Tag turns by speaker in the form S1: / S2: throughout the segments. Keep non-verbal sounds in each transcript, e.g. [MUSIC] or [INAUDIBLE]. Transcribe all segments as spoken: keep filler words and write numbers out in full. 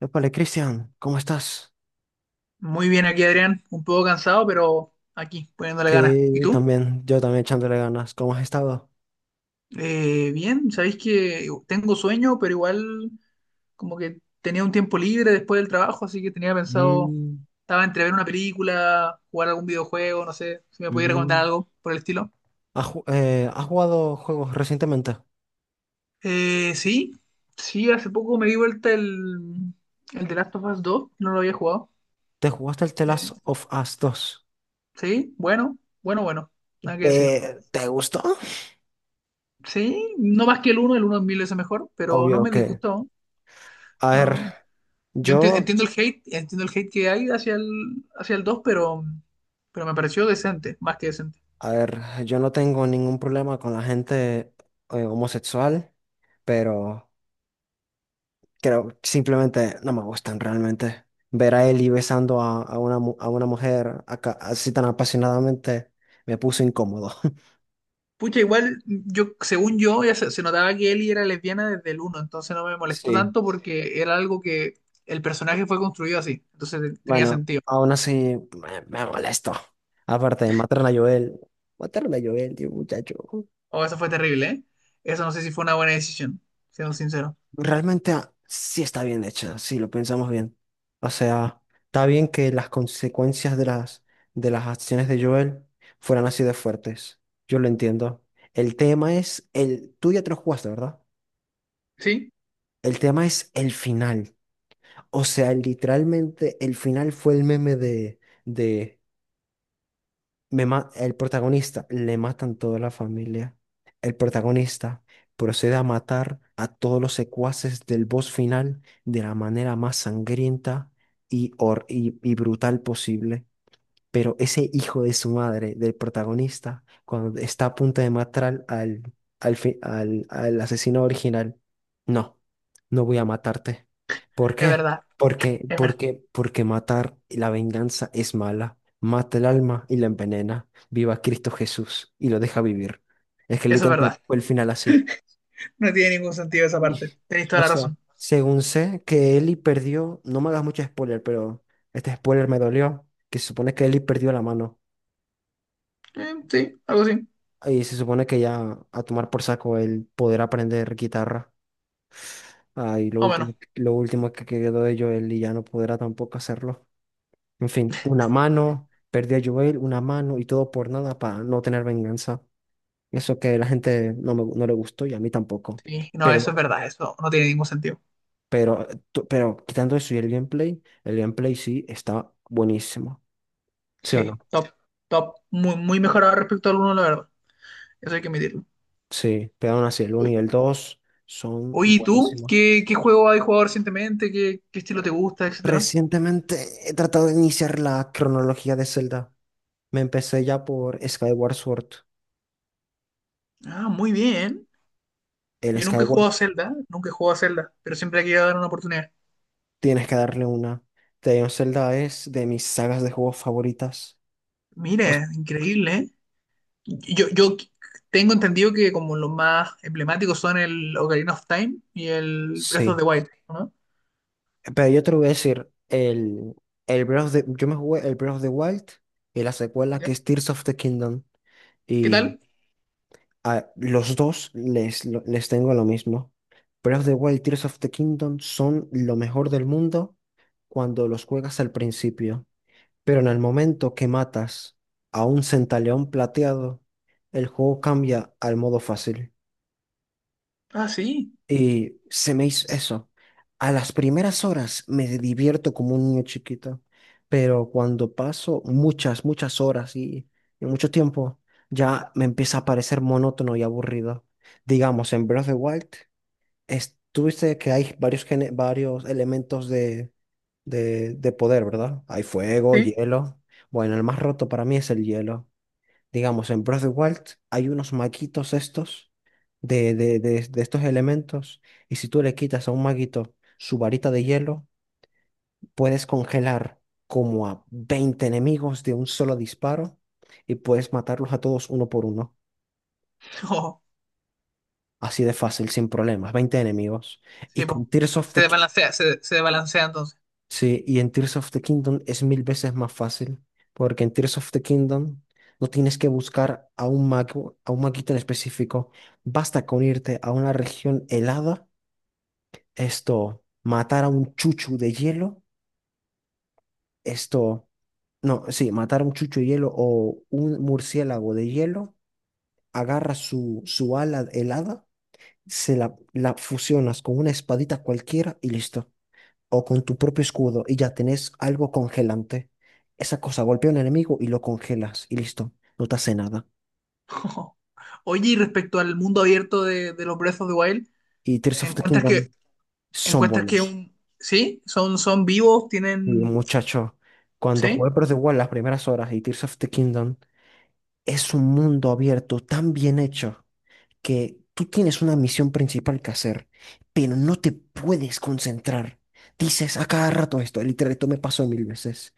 S1: Épale, Cristian, ¿cómo estás?
S2: Muy bien aquí, Adrián. Un poco cansado, pero aquí, poniéndole ganas. ¿Y
S1: Sí,
S2: tú?
S1: también, yo también echándole ganas. ¿Cómo has estado?
S2: Eh, bien, sabéis que tengo sueño, pero igual como que tenía un tiempo libre después del trabajo, así que tenía pensado,
S1: Mm.
S2: estaba entre ver una película, jugar algún videojuego, no sé, si me podías recomendar
S1: Mm.
S2: algo por el estilo.
S1: ¿Has, ju- eh, has jugado juegos recientemente?
S2: Eh, sí, sí, hace poco me di vuelta el, el The Last of Us dos, no lo había jugado.
S1: ¿Te jugaste el The Last
S2: Eh,
S1: of Us dos?
S2: sí, bueno, bueno, bueno, nada que decir.
S1: ¿Te, te gustó?
S2: Sí, no más que el uno el uno es mil veces mejor, pero no
S1: Obvio
S2: me
S1: que,
S2: disgustó.
S1: a ver,
S2: No, Yo enti-
S1: yo,
S2: entiendo el hate, entiendo el hate que hay hacia el, hacia el dos, pero, pero me pareció decente, más que decente.
S1: a ver, yo no tengo ningún problema con la gente eh, homosexual, pero creo que simplemente no me gustan realmente. Ver a Ellie besando a, a una, mu- a una mujer acá, así tan apasionadamente me puso incómodo. [LAUGHS]
S2: Pucha, igual, yo, según yo, ya se, se notaba que Ellie era lesbiana desde el uno, entonces no me molestó
S1: Sí.
S2: tanto porque era algo que el personaje fue construido así, entonces tenía
S1: Bueno,
S2: sentido.
S1: aún así me, me molesto. Aparte, mataron a Joel. Mataron a Joel, tío, muchacho.
S2: Oh, eso fue terrible, ¿eh? Eso no sé si fue una buena decisión, siendo sincero.
S1: Realmente ah, sí está bien hecha, si lo pensamos bien. O sea, está bien que las consecuencias de las, de las acciones de Joel fueran así de fuertes. Yo lo entiendo. El tema es, el, tú ya te lo jugaste, ¿verdad?
S2: Sí,
S1: El tema es el final. O sea, literalmente el final fue el meme de, de me ma- el protagonista, le matan toda la familia. El protagonista procede a matar a todos los secuaces del boss final de la manera más sangrienta y, hor- y, y brutal posible. Pero ese hijo de su madre, del protagonista, cuando está a punto de matar al, al, fi- al, al asesino original, no, no voy a matarte. ¿Por
S2: es
S1: qué?
S2: verdad,
S1: Porque,
S2: es verdad,
S1: porque, porque matar y la venganza es mala. Mata el alma y la envenena. Viva Cristo Jesús y lo deja vivir. Es que
S2: eso es
S1: literalmente
S2: verdad.
S1: fue el final así.
S2: No tiene ningún sentido
S1: [LAUGHS]
S2: esa
S1: Y-
S2: parte, tenéis
S1: O
S2: toda la
S1: sea,
S2: razón.
S1: según sé que Eli perdió, no me hagas mucho spoiler, pero este spoiler me dolió, que se supone que Eli perdió la mano.
S2: Eh, sí, algo así, más
S1: Y se supone que ya a tomar por saco el poder aprender guitarra. Ah, y lo
S2: o menos.
S1: último, lo último que quedó de Joel y ya no podrá tampoco hacerlo. En fin, una mano, perdí a Joel, una mano y todo por nada para no tener venganza. Eso que la gente no, me- no le gustó y a mí tampoco.
S2: Sí, no, eso es
S1: Pero,
S2: verdad, eso no tiene ningún sentido.
S1: pero, tú- pero quitando eso y el gameplay, el gameplay sí está buenísimo. ¿Sí o no?
S2: Sí, top, top. Muy, muy mejorado respecto al uno, la verdad. Eso hay que admitirlo.
S1: Sí, pero aún así el uno y el dos son
S2: Oye, ¿y tú?
S1: buenísimos.
S2: ¿Qué, ¿qué juego has jugado recientemente? ¿Qué, qué estilo te gusta, etcétera?
S1: Recientemente he tratado de iniciar la cronología de Zelda. Me empecé ya por Skyward Sword.
S2: Ah, muy bien.
S1: El
S2: Yo nunca he
S1: Skyward
S2: jugado a Zelda, nunca he jugado a Zelda, pero siempre he querido dar una oportunidad.
S1: Tienes que darle una. The of Zelda es de mis sagas de juegos favoritas. O s-
S2: Mire, increíble, ¿eh? Yo, yo tengo entendido que como los más emblemáticos son el Ocarina of Time y el Breath of
S1: sí.
S2: the Wild, ¿no?
S1: Pero yo te lo voy a decir, el, el Breath of the- yo me jugué el Breath of the Wild y la secuela
S2: Ya.
S1: que es Tears of the Kingdom.
S2: ¿Qué
S1: Y
S2: tal?
S1: a los dos les, lo- les tengo lo mismo. Breath of the Wild y Tears of the Kingdom son lo mejor del mundo cuando los juegas al principio. Pero en el momento que matas a un centaleón plateado, el juego cambia al modo fácil.
S2: Ah, sí,
S1: Y se me hizo eso. A las primeras horas me divierto como un niño chiquito, pero cuando paso muchas, muchas horas y, y mucho tiempo, ya me empieza a parecer monótono y aburrido. Digamos, en Breath of the Wild, es- tuviste que hay varios, gene- varios elementos de, de, de poder, ¿verdad? Hay fuego,
S2: sí.
S1: hielo. Bueno, el más roto para mí es el hielo. Digamos, en Breath of the Wild hay unos maquitos estos de, de, de, de estos elementos y si tú le quitas a un maguito su varita de hielo, puedes congelar como a veinte enemigos de un solo disparo y puedes matarlos a todos uno por uno.
S2: [LAUGHS] Oh,
S1: Así de fácil, sin problemas, veinte enemigos. Y
S2: sí,
S1: con
S2: po.
S1: Tears of
S2: Se
S1: the
S2: desbalancea, se, se desbalancea entonces.
S1: Sí, y en Tears of the Kingdom es mil veces más fácil, porque en Tears of the Kingdom no tienes que buscar a un mago, a un maguito en específico. Basta con irte a una región helada, esto, matar a un chuchu de hielo, esto, no, sí, matar a un chuchu de hielo o un murciélago de hielo, agarras su, su ala helada, se la, la fusionas con una espadita cualquiera y listo. O con tu propio escudo y ya tenés algo congelante. Esa cosa golpea a un enemigo y lo congelas y listo, no te hace nada.
S2: [LAUGHS] Oye, y respecto al mundo abierto de, de los Breath of the Wild,
S1: Y Tears of the
S2: ¿encuentras que,
S1: Kingdom son
S2: encuentras que
S1: buenos.
S2: un, sí, son, son vivos,
S1: Y
S2: tienen,
S1: muchacho, cuando jugué
S2: ¿sí?
S1: Breath of the Wild las primeras horas y Tears of the Kingdom es un mundo abierto tan bien hecho que tú tienes una misión principal que hacer, pero no te puedes concentrar. Dices a cada rato esto, literal, esto me pasó mil veces.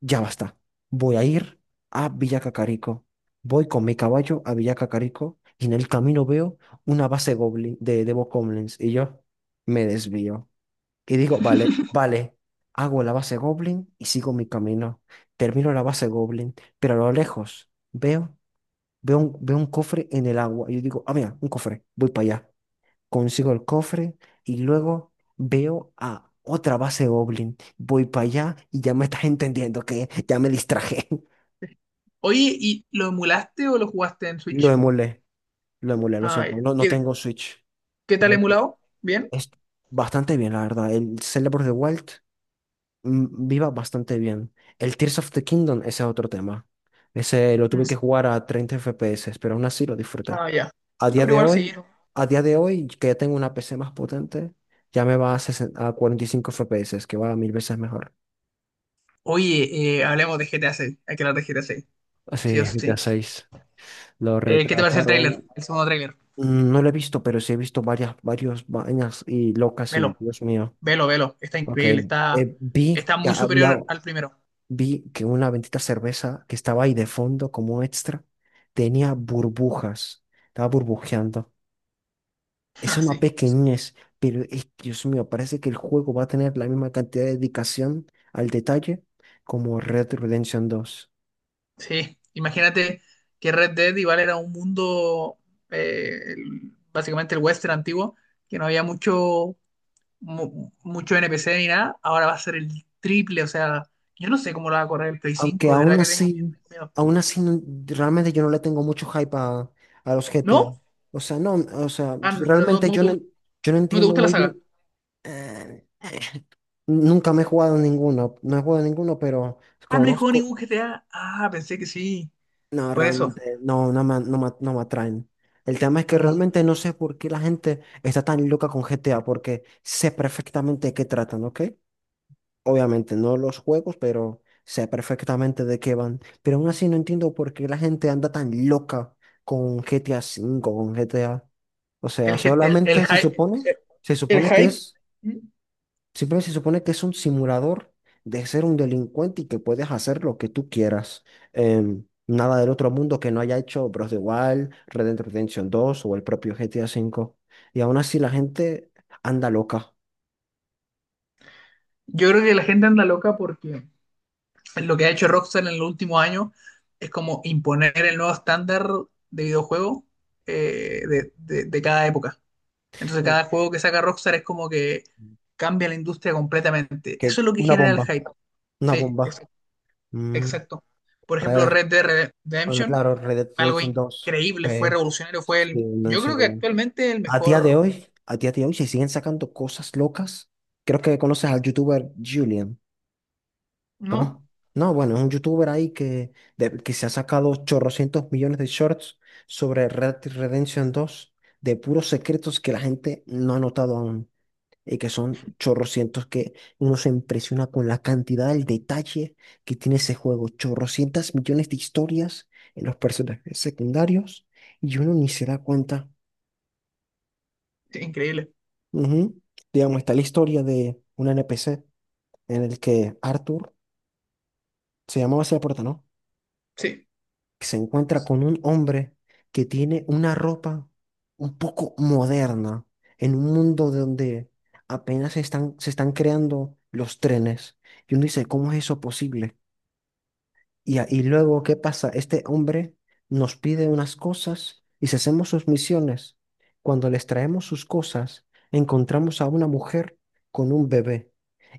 S1: Ya basta. Voy a ir a Villa Cacarico. Voy con mi caballo a Villa Cacarico y en el camino veo una base goblin de, de bokoblins y yo me desvío. Y digo, vale, vale, hago la base goblin y sigo mi camino. Termino la base goblin, pero a lo lejos veo, veo un, veo un cofre en el agua y yo digo, ah, mira, un cofre, voy para allá, consigo el cofre y luego veo a otra base Goblin. Voy para allá y ya me estás entendiendo que ya me distraje. [LAUGHS]
S2: Oye, ¿y lo emulaste o lo jugaste en
S1: Lo
S2: Switch?
S1: emulé, lo emulé, lo
S2: Ah, ya.
S1: siento. No, no
S2: ¿Qué,
S1: tengo Switch.
S2: qué
S1: No
S2: tal
S1: hay-
S2: emulado? ¿Bien?
S1: Es bastante bien, la verdad. El Zelda Breath of the Wild mm, viva bastante bien. El Tears of the Kingdom, ese es otro tema. Ese lo
S2: Mm.
S1: tuve que jugar a treinta F P S, pero aún así lo disfruté.
S2: Ah, ya. Ah,
S1: A día
S2: pero
S1: de
S2: igual sí.
S1: hoy, a día de hoy, que ya tengo una P C más potente, ya me va a, sesenta a cuarenta y cinco F P S, que va a mil veces mejor.
S2: Oye, eh, hablemos de G T A seis. Hay que hablar de G T A seis. Sí
S1: Sí,
S2: o
S1: G T A
S2: sí.
S1: seis. Lo
S2: Eh, ¿qué te parece el tráiler?
S1: retrasaron.
S2: El segundo tráiler.
S1: Mm. No lo he visto, pero sí he visto varias, varios vainas y locas y
S2: Velo,
S1: Dios mío.
S2: velo, velo. Está
S1: Ok.
S2: increíble. Está,
S1: Eh, vi
S2: está
S1: que
S2: muy
S1: había,
S2: superior al primero.
S1: vi que una bendita cerveza que estaba ahí de fondo como extra tenía burbujas. Estaba burbujeando.
S2: [LAUGHS]
S1: Es una
S2: Así.
S1: pequeñez, pero es, Dios mío, parece que el juego va a tener la misma cantidad de dedicación al detalle como Red Dead Redemption dos.
S2: Sí, imagínate que Red Dead igual era un mundo, eh, el- básicamente el western antiguo, que no había mucho, mu- mucho N P C ni nada, ahora va a ser el triple. O sea, yo no sé cómo lo va a correr el Play
S1: Aunque
S2: cinco. De verdad
S1: aún
S2: que tengo miedo.
S1: así,
S2: Miedo.
S1: aún así, no- realmente yo no le tengo mucho hype a, a los G T A.
S2: ¿No?
S1: O sea, no, o sea,
S2: Ah, no, no,
S1: realmente
S2: no
S1: yo
S2: te,
S1: no,
S2: gu-
S1: yo no
S2: no te
S1: entiendo
S2: gusta la
S1: muy
S2: saga.
S1: bien. eh, nunca me he jugado ninguno, no he jugado ninguno, pero
S2: Ah, no hay juego
S1: conozco.
S2: ningún G T A. Ah, pensé que sí,
S1: No,
S2: por eso.
S1: realmente no, no me, no me- no me atraen. El tema es que
S2: Ah,
S1: realmente no sé por qué la gente está tan loca con G T A, porque sé perfectamente de qué tratan, ¿ok? Obviamente no los juegos, pero sé perfectamente de qué van. Pero aún así no entiendo por qué la gente anda tan loca con G T A cinco con G T A. O sea,
S2: el, G- el, el,
S1: solamente se
S2: hy-
S1: supone, se
S2: El
S1: supone que
S2: hype.
S1: es
S2: ¿Mm?
S1: Simplemente se supone que es un simulador de ser un delincuente y que puedes hacer lo que tú quieras. Em, nada del otro mundo que no haya hecho Bros. De Wild, Red Dead Redemption dos o el propio G T A cinco. Y aún así la gente anda loca.
S2: Yo creo que la gente anda loca porque... Lo que ha hecho Rockstar en los últimos años es como imponer el nuevo estándar de videojuego, eh, de, de- de cada época. Entonces
S1: Mm.
S2: cada juego que saca Rockstar es como que cambia la industria completamente.
S1: Que
S2: Eso es lo que
S1: Una
S2: genera el
S1: bomba.
S2: hype.
S1: Una
S2: Sí, ex-
S1: bomba. Mm.
S2: exacto. Por
S1: A
S2: ejemplo,
S1: ver,
S2: Red Dead Red-
S1: bueno,
S2: Redemption,
S1: claro, Red Dead
S2: algo
S1: Redemption dos,
S2: increíble, fue
S1: eh,
S2: revolucionario, fue
S1: sí,
S2: el,
S1: no, en
S2: yo creo que
S1: serio.
S2: actualmente el
S1: A día de
S2: mejor,
S1: hoy, a día de hoy se siguen sacando cosas locas. Creo que conoces al youtuber Julian. Ah.
S2: ¿no?
S1: No, bueno, es un youtuber ahí que, de- que se ha sacado chorrocientos millones de shorts sobre Red Dead Redemption dos de puros secretos que la gente no ha notado aún y que son chorrocientos que uno se impresiona con la cantidad, el detalle que tiene ese juego. Chorrocientas millones de historias en los personajes secundarios y uno ni se da cuenta.
S2: Sí, increíble,
S1: Ujú. Digamos, está la historia de un N P C en el que Arthur se llamaba así la puerta, ¿no?,
S2: sí.
S1: que se encuentra con un hombre que tiene una ropa un poco moderna en un mundo donde apenas se están, se están creando los trenes. Y uno dice, ¿cómo es eso posible? Y, a- y luego, ¿qué pasa? Este hombre nos pide unas cosas y si hacemos sus misiones, cuando les traemos sus cosas, encontramos a una mujer con un bebé.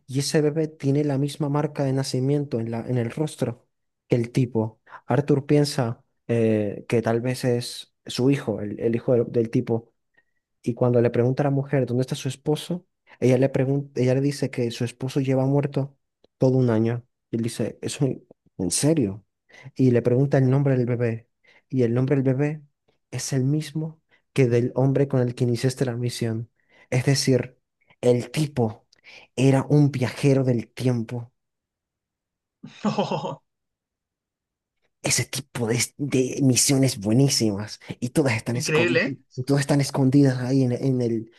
S1: Y ese bebé tiene la misma marca de nacimiento en la, en el rostro que el tipo. Arthur piensa eh, que tal vez es su hijo, el, el hijo del, del tipo, y cuando le pregunta a la mujer dónde está su esposo, ella le pregunta, ella le dice que su esposo lleva muerto todo un año. Y él dice, ¿eso en serio? Y le pregunta el nombre del bebé. Y el nombre del bebé es el mismo que del hombre con el que iniciaste la misión. Es decir, el tipo era un viajero del tiempo.
S2: [LAUGHS]
S1: Ese tipo de, de misiones buenísimas. Y todas están
S2: Increíble,
S1: escondidas,
S2: ¿eh?
S1: todas están escondidas ahí en, en el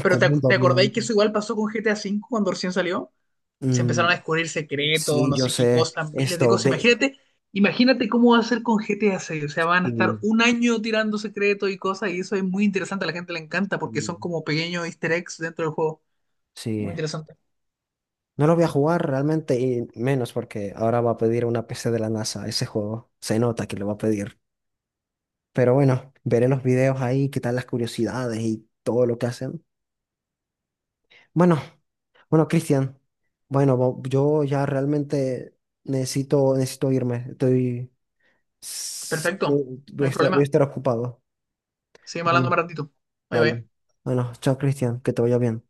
S2: Pero ¿te, ac-
S1: mundo
S2: te acordáis
S1: abierto.
S2: que eso igual pasó con G T A cinco cuando recién salió? Se
S1: Mm.
S2: empezaron a descubrir secretos,
S1: Sí,
S2: no
S1: yo
S2: sé qué
S1: sé
S2: cosas, miles de
S1: esto
S2: cosas.
S1: de...
S2: Imagínate, imagínate cómo va a ser con G T A seis. O sea, van a estar
S1: Mm.
S2: un año tirando secretos y cosas, y eso es muy interesante, a la gente le encanta porque son
S1: Mm.
S2: como pequeños easter eggs dentro del juego. Muy
S1: Sí,
S2: interesante.
S1: no lo voy a jugar realmente y menos porque ahora va a pedir una P C de la NASA ese juego. Se nota que lo va a pedir. Pero bueno, veré los videos ahí, qué tal las curiosidades y todo lo que hacen. Bueno, bueno, Cristian, bueno, bo- yo ya realmente necesito, necesito irme. Estoy... s-
S2: Perfecto,
S1: eh,
S2: no
S1: Voy a
S2: hay
S1: estar, voy a
S2: problema.
S1: estar ocupado.
S2: Seguimos hablando
S1: Bueno,
S2: un ratito. Bye
S1: dale.
S2: bye.
S1: Bueno, chao, Cristian, que te vaya bien.